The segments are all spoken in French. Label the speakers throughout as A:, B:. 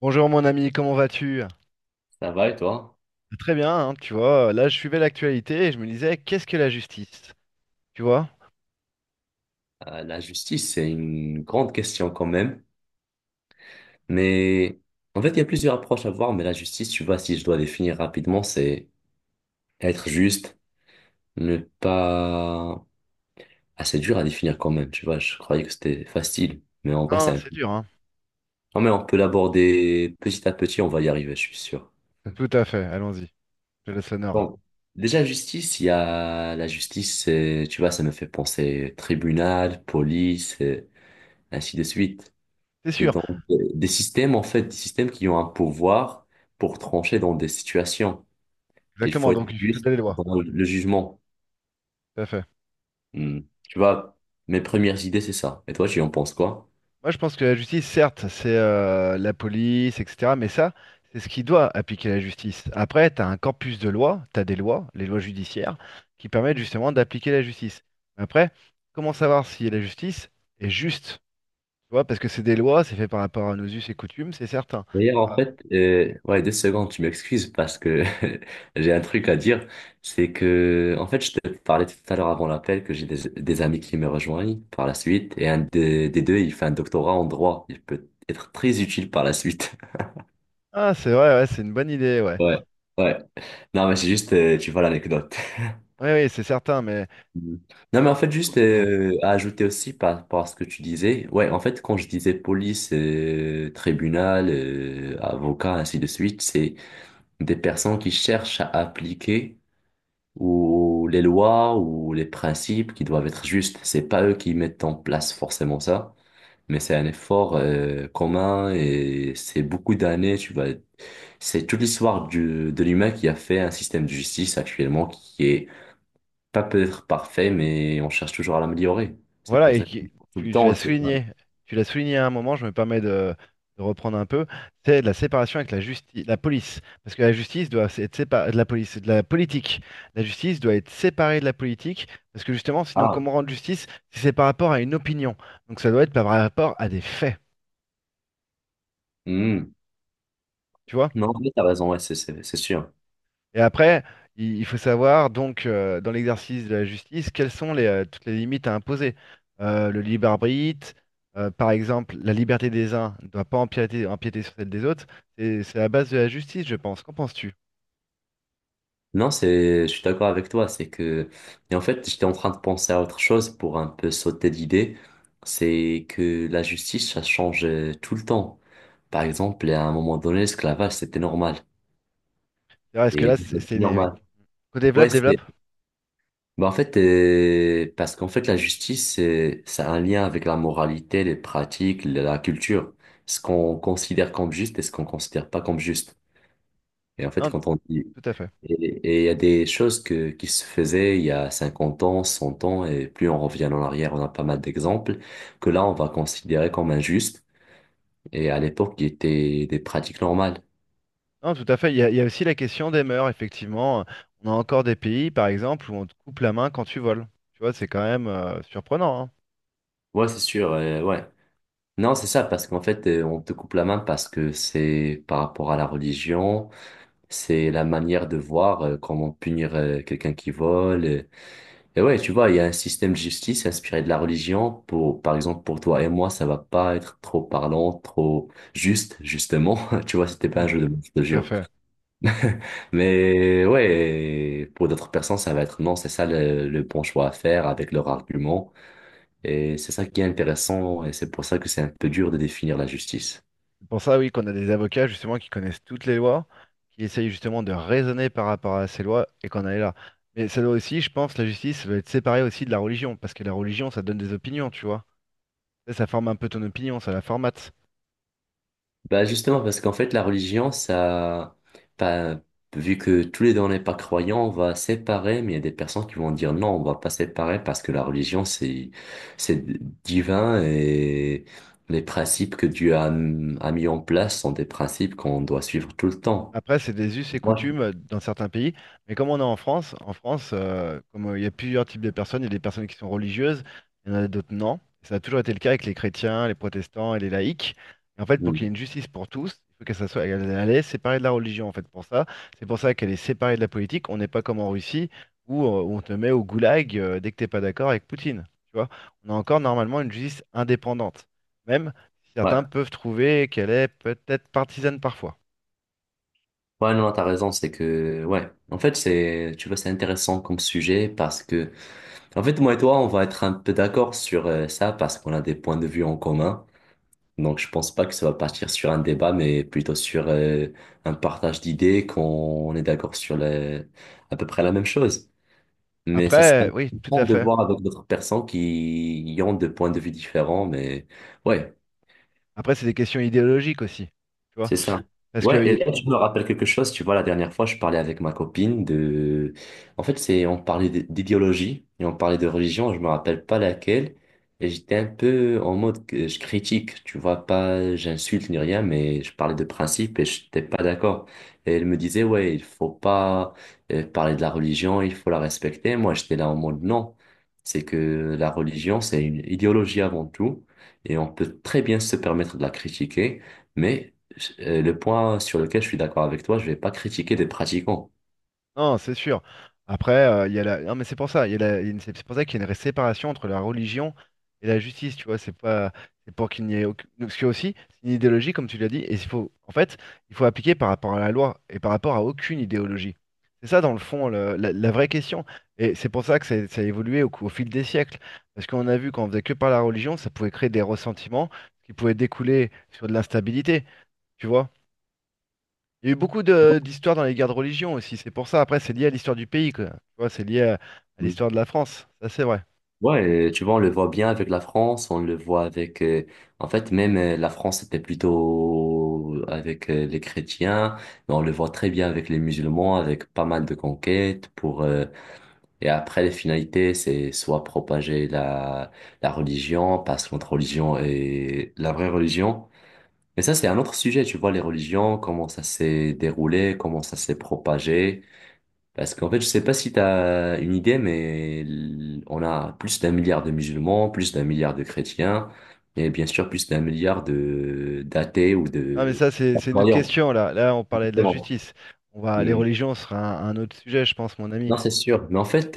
A: Bonjour mon ami, comment vas-tu?
B: Ça va et toi?
A: Très bien, hein, tu vois, là je suivais l'actualité et je me disais, qu'est-ce que la justice? Tu vois?
B: La justice, c'est une grande question quand même. Mais en fait, il y a plusieurs approches à voir. Mais la justice, tu vois, si je dois définir rapidement, c'est être juste, ne pas... Ah, c'est dur à définir quand même, tu vois. Je croyais que c'était facile. Mais en vrai, c'est
A: Ah,
B: un... peu...
A: c'est dur, hein.
B: Non, mais on peut l'aborder petit à petit, on va y arriver, je suis sûr.
A: Tout à fait, allons-y, je laisse l'honneur.
B: Donc, déjà, justice, il y a la justice, tu vois, ça me fait penser tribunal, police, et ainsi de suite.
A: C'est
B: Et
A: sûr,
B: donc, des systèmes, en fait, des systèmes qui ont un pouvoir pour trancher dans des situations. Et il
A: exactement,
B: faut être
A: donc il faut
B: juste
A: des lois,
B: dans le jugement.
A: tout à fait.
B: Hmm. Tu vois, mes premières idées, c'est ça. Et toi, tu en penses quoi?
A: Moi je pense que la justice, certes, c'est la police, etc., mais ça, c'est ce qui doit appliquer la justice. Après, tu as un corpus de lois, tu as des lois, les lois judiciaires, qui permettent justement d'appliquer la justice. Après, comment savoir si la justice est juste? Tu vois, parce que c'est des lois, c'est fait par rapport à nos us et coutumes, c'est certain.
B: D'ailleurs, en
A: Par-
B: fait, ouais, deux secondes, tu m'excuses parce que j'ai un truc à dire. C'est que, en fait, je te parlais tout à l'heure avant l'appel que j'ai des amis qui me rejoignent par la suite. Et un des deux, il fait un doctorat en droit. Il peut être très utile par la suite.
A: Ah, c'est vrai, ouais, c'est une bonne idée, ouais.
B: Ouais, ouais. Non, mais c'est juste, tu vois l'anecdote.
A: Oui, oui, c'est certain, mais
B: Mm. Non, mais en fait, juste
A: continuons.
B: à ajouter aussi par rapport à ce que tu disais, ouais, en fait, quand je disais police, tribunal, avocat, ainsi de suite, c'est des personnes qui cherchent à appliquer ou les lois ou les principes qui doivent être justes. C'est pas eux qui mettent en place forcément ça, mais c'est un effort commun et c'est beaucoup d'années, tu vois. C'est toute l'histoire de l'humain qui a fait un système de justice actuellement qui est pas peut-être parfait, mais on cherche toujours à l'améliorer. C'est
A: Voilà,
B: pour
A: et
B: ça que
A: qui-
B: tout le
A: tu
B: temps,
A: l'as
B: et c'est pas...
A: souligné, tu l'as souligné à un moment, je me permets de reprendre un peu, c'est la séparation avec la justice, la police. Parce que la justice doit être séparée de la police, de la politique. La justice doit être séparée de la politique, parce que justement, sinon,
B: Ah,
A: comment rendre justice si c'est par rapport à une opinion? Donc ça doit être par rapport à des faits.
B: hmm.
A: Tu vois.
B: Non, mais t'as raison, ouais, c'est sûr.
A: Et après, il faut savoir, donc, dans l'exercice de la justice, quelles sont les, toutes les limites à imposer. Le libre arbitre, par exemple, la liberté des uns ne doit pas empiéter sur celle des autres. C'est la base de la justice, je pense. Qu'en penses-tu?
B: Non, c'est, je suis d'accord avec toi. C'est que, et en fait, j'étais en train de penser à autre chose pour un peu sauter d'idée. C'est que la justice, ça change tout le temps. Par exemple, à un moment donné, l'esclavage, c'était normal.
A: C'est-à-dire, est-ce que
B: Et
A: là,
B: normal. Ouais,
A: co-développe,
B: c'est
A: développe?
B: bah en fait, parce qu'en fait, la justice, c'est un lien avec la moralité, les pratiques, la culture. Ce qu'on considère comme juste et ce qu'on considère pas comme juste. Et en fait,
A: Non,
B: quand on dit,
A: tout à fait.
B: et et il y a des choses qui se faisaient il y a 50 ans, 100 ans, et plus on revient en arrière, on a pas mal d'exemples, que là, on va considérer comme injuste, et à l'époque, qui étaient des pratiques normales.
A: Non, tout à fait. Il y a aussi la question des mœurs, effectivement. On a encore des pays, par exemple, où on te coupe la main quand tu voles. Tu vois, c'est quand même surprenant, hein.
B: Ouais, c'est sûr, ouais. Non, c'est ça, parce qu'en fait, on te coupe la main parce que c'est par rapport à la religion. C'est la manière de voir comment punir quelqu'un qui vole. Et ouais, tu vois, il y a un système de justice inspiré de la religion. Pour, par exemple, pour toi et moi, ça va pas être trop parlant, trop juste, justement. Tu vois, c'était pas
A: Hmm.
B: un jeu de mots, je te
A: Tout à
B: jure.
A: fait.
B: Mais ouais, pour d'autres personnes, ça va être non, c'est ça le bon choix à faire avec leur argument. Et c'est ça qui est intéressant. Et c'est pour ça que c'est un peu dur de définir la justice.
A: C'est pour ça, oui, qu'on a des avocats justement qui connaissent toutes les lois, qui essayent justement de raisonner par rapport à ces lois et qu'on en est là. Mais ça doit aussi, je pense, la justice doit être séparée aussi de la religion, parce que la religion, ça donne des opinions, tu vois. Ça forme un peu ton opinion, ça la formate.
B: Bah justement, parce qu'en fait, la religion, ça, pas vu que tous les deux on n'est pas croyants, on va séparer, mais il y a des personnes qui vont dire non, on va pas séparer parce que la religion, c'est divin et les principes que Dieu a mis en place sont des principes qu'on doit suivre tout le temps.
A: Après, c'est des us et
B: Moi, je-
A: coutumes dans certains pays. Mais comme on est en France, comme il y a plusieurs types de personnes, il y a des personnes qui sont religieuses, il y en a d'autres non. Ça a toujours été le cas avec les chrétiens, les protestants et les laïcs. Et en fait, pour qu'il y
B: Mm.
A: ait une justice pour tous, il faut qu'elle ça soit, elle est séparée de la religion, en fait, pour ça. C'est pour ça qu'elle est séparée de la politique. On n'est pas comme en Russie où on te met au goulag dès que t'es pas d'accord avec Poutine. Tu vois, on a encore normalement une justice indépendante. Même certains
B: Ouais.
A: peuvent trouver qu'elle est peut-être partisane parfois.
B: Ouais, non, t'as raison, c'est que, ouais. En fait, c'est, tu vois, c'est intéressant comme sujet parce que, en fait, moi et toi, on va être un peu d'accord sur ça parce qu'on a des points de vue en commun. Donc, je pense pas que ça va partir sur un débat, mais plutôt sur un partage d'idées, qu'on est d'accord à peu près la même chose. Mais ça serait
A: Après, oui, tout à
B: important de
A: fait.
B: voir avec d'autres personnes qui y ont des points de vue différents. Mais ouais,
A: Après, c'est des questions idéologiques aussi. Tu vois?
B: c'est ça.
A: Parce
B: Ouais,
A: qu'il
B: et
A: y,
B: là, je me rappelle quelque chose. Tu vois, la dernière fois, je parlais avec ma copine de... En fait, c'est on parlait d'idéologie et on parlait de religion, je me rappelle pas laquelle. Et j'étais un peu en mode que je critique, tu vois, pas j'insulte ni rien, mais je parlais de principe et je n'étais pas d'accord. Et elle me disait, ouais, il faut pas parler de la religion, il faut la respecter. Moi, j'étais là en mode non. C'est que la religion, c'est une idéologie avant tout et on peut très bien se permettre de la critiquer. Mais le point sur lequel je suis d'accord avec toi, je vais pas critiquer des pratiquants.
A: Non, c'est sûr. Après, il y a la... Non, mais c'est pour ça, il y a la- il y a une- c'est pour ça qu'il y a une séparation entre la religion et la justice, tu vois, c'est pas c'est pour qu'il n'y ait aucune... Parce que aussi, c'est une idéologie, comme tu l'as dit, et il faut appliquer par rapport à la loi et par rapport à aucune idéologie. C'est ça, dans le fond, la vraie question. Et c'est pour ça que ça a évolué au fil des siècles. Parce qu'on a vu qu'on faisait que par la religion, ça pouvait créer des ressentiments qui pouvaient découler sur de l'instabilité, tu vois. Il y a eu beaucoup de d'histoires dans les guerres de religion aussi, c'est pour ça. Après, c'est lié à l'histoire du pays, quoi. Tu vois, à
B: Mm.
A: l'histoire de la France. Ça, c'est vrai.
B: Ouais, tu vois, on le voit bien avec la France, on le voit avec... en fait, même la France était plutôt avec les chrétiens, mais on le voit très bien avec les musulmans, avec pas mal de conquêtes pour... et après, les finalités, c'est soit propager la religion, parce que notre religion est la vraie religion. Mais ça, c'est un autre sujet, tu vois, les religions, comment ça s'est déroulé, comment ça s'est propagé. Parce qu'en fait, je sais pas si tu as une idée, mais on a plus d'1 milliard de musulmans, plus d'1 milliard de chrétiens, et bien sûr plus d'1 milliard de d'athées ou
A: Non, mais ça,
B: de
A: c'est une autre
B: croyants.
A: question, là. Là, on parlait de la
B: Justement.
A: justice. On va, les
B: Mm.
A: religions sera un autre sujet, je pense, mon ami.
B: Non, c'est sûr. Mais en fait,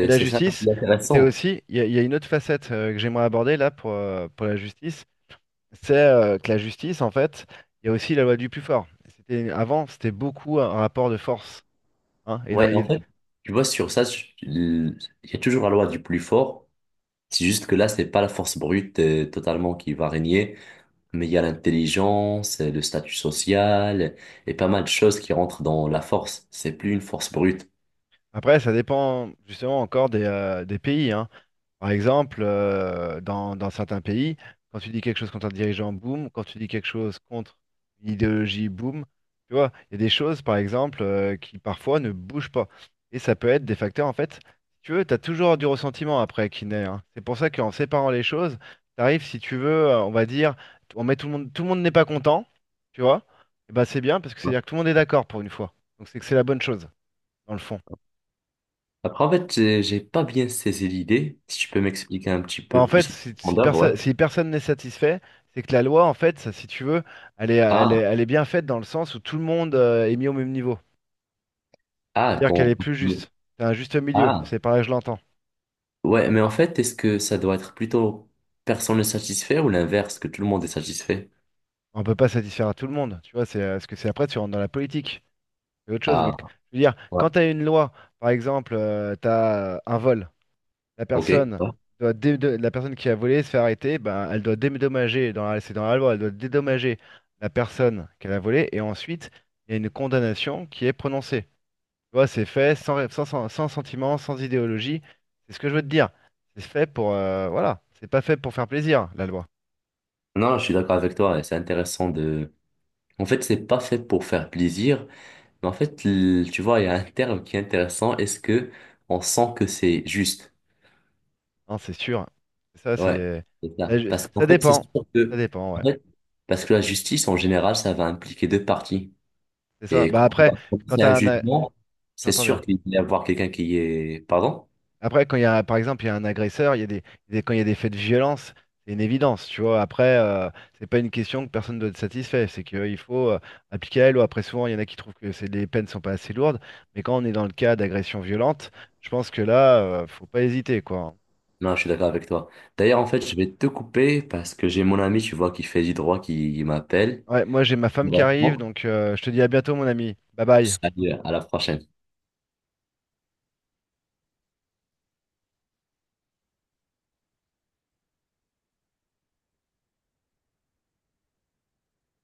A: Mais la
B: c'est ça qui
A: justice,
B: est
A: c'était
B: intéressant.
A: aussi. Il y a une autre facette que j'aimerais aborder, là, pour la justice. C'est que la justice, en fait, il y a aussi la loi du plus fort. C'était, avant, c'était beaucoup un rapport de force. Hein. Et
B: Ouais, en fait, tu vois, sur ça, il y a toujours la loi du plus fort. C'est juste que là, c'est pas la force brute, totalement qui va régner. Mais il y a l'intelligence, le statut social et pas mal de choses qui rentrent dans la force. C'est plus une force brute.
A: après, ça dépend justement encore des pays. Hein. Par exemple, dans certains pays, quand tu dis quelque chose contre un dirigeant, boum, quand tu dis quelque chose contre une idéologie, boum, tu vois, il y a des choses, par exemple, qui parfois ne bougent pas. Et ça peut être des facteurs, en fait, si tu veux, tu as toujours du ressentiment après qui naît. Hein. C'est pour ça qu'en séparant les choses, tu arrives, si tu veux, on va dire, on met tout le monde n'est pas content, tu vois, et ben c'est bien parce que
B: Ouais.
A: c'est-à-dire que tout le monde est d'accord pour une fois. Donc c'est que c'est la bonne chose, dans le fond.
B: Après, en fait, j'ai pas bien saisi l'idée. Si tu peux m'expliquer un petit
A: Bah, en
B: peu
A: fait,
B: plus en profondeur, ouais.
A: si personne n'est satisfait, c'est que la loi, en fait, ça, si tu veux,
B: Ah,
A: elle est bien faite dans le sens où tout le monde est mis au même niveau.
B: ah,
A: C'est-à-dire qu'elle
B: quand...
A: est plus juste. C'est un juste milieu,
B: Ah,
A: c'est pareil, je l'entends.
B: ouais, mais en fait, est-ce que ça doit être plutôt personne ne satisfait ou l'inverse, que tout le monde est satisfait?
A: On peut pas satisfaire à tout le monde, tu vois, c'est ce que c'est après, tu rentres dans la politique, c'est autre chose.
B: Ah,
A: Je veux dire,
B: ouais,
A: quand tu as une loi, par exemple, tu as un vol. La
B: ok.
A: personne
B: Ouais.
A: la personne qui a volé se fait arrêter, ben, elle doit dédommager, c'est dans la loi, elle doit dédommager la personne qu'elle a volée, et ensuite, il y a une condamnation qui est prononcée. Tu vois, c'est fait sans sentiment, sans idéologie. C'est ce que je veux te dire. C'est fait pour, voilà, c'est pas fait pour faire plaisir, la loi.
B: Non, je suis d'accord avec toi. C'est intéressant de... En fait, c'est pas fait pour faire plaisir. Mais en fait, tu vois, il y a un terme qui est intéressant. Est-ce que on sent que c'est juste?
A: Hein, c'est sûr. C'est Ça,
B: Ouais,
A: c'est,
B: c'est
A: là,
B: ça.
A: je-
B: Parce
A: ça
B: qu'en fait, c'est
A: dépend.
B: sûr
A: Ça
B: que,
A: dépend,
B: en
A: ouais.
B: fait, parce que la justice, en général, ça va impliquer deux parties.
A: C'est ça.
B: Et
A: Bah
B: quand on va
A: après, quand
B: prononcer un
A: t'as un, a-
B: jugement, c'est
A: j'entends
B: sûr
A: bien.
B: qu'il va y avoir quelqu'un qui est, pardon?
A: Après, quand il y a, par exemple, il y a un agresseur, il y a des- quand il y a des faits de violence, c'est une évidence, tu vois. Après, c'est pas une question que personne doit être satisfait. C'est qu'il faut appliquer la loi. Après, souvent, il y en a qui trouvent que les peines sont pas assez lourdes. Mais quand on est dans le cas d'agression violente, je pense que là, faut pas hésiter, quoi.
B: Non, je suis d'accord avec toi. D'ailleurs, en fait, je vais te couper parce que j'ai mon ami, tu vois, qui fait du droit, qui m'appelle.
A: Ouais, moi, j'ai ma femme qui arrive,
B: Vraiment.
A: donc je te dis à bientôt, mon ami. Bye bye.
B: Salut, à la prochaine.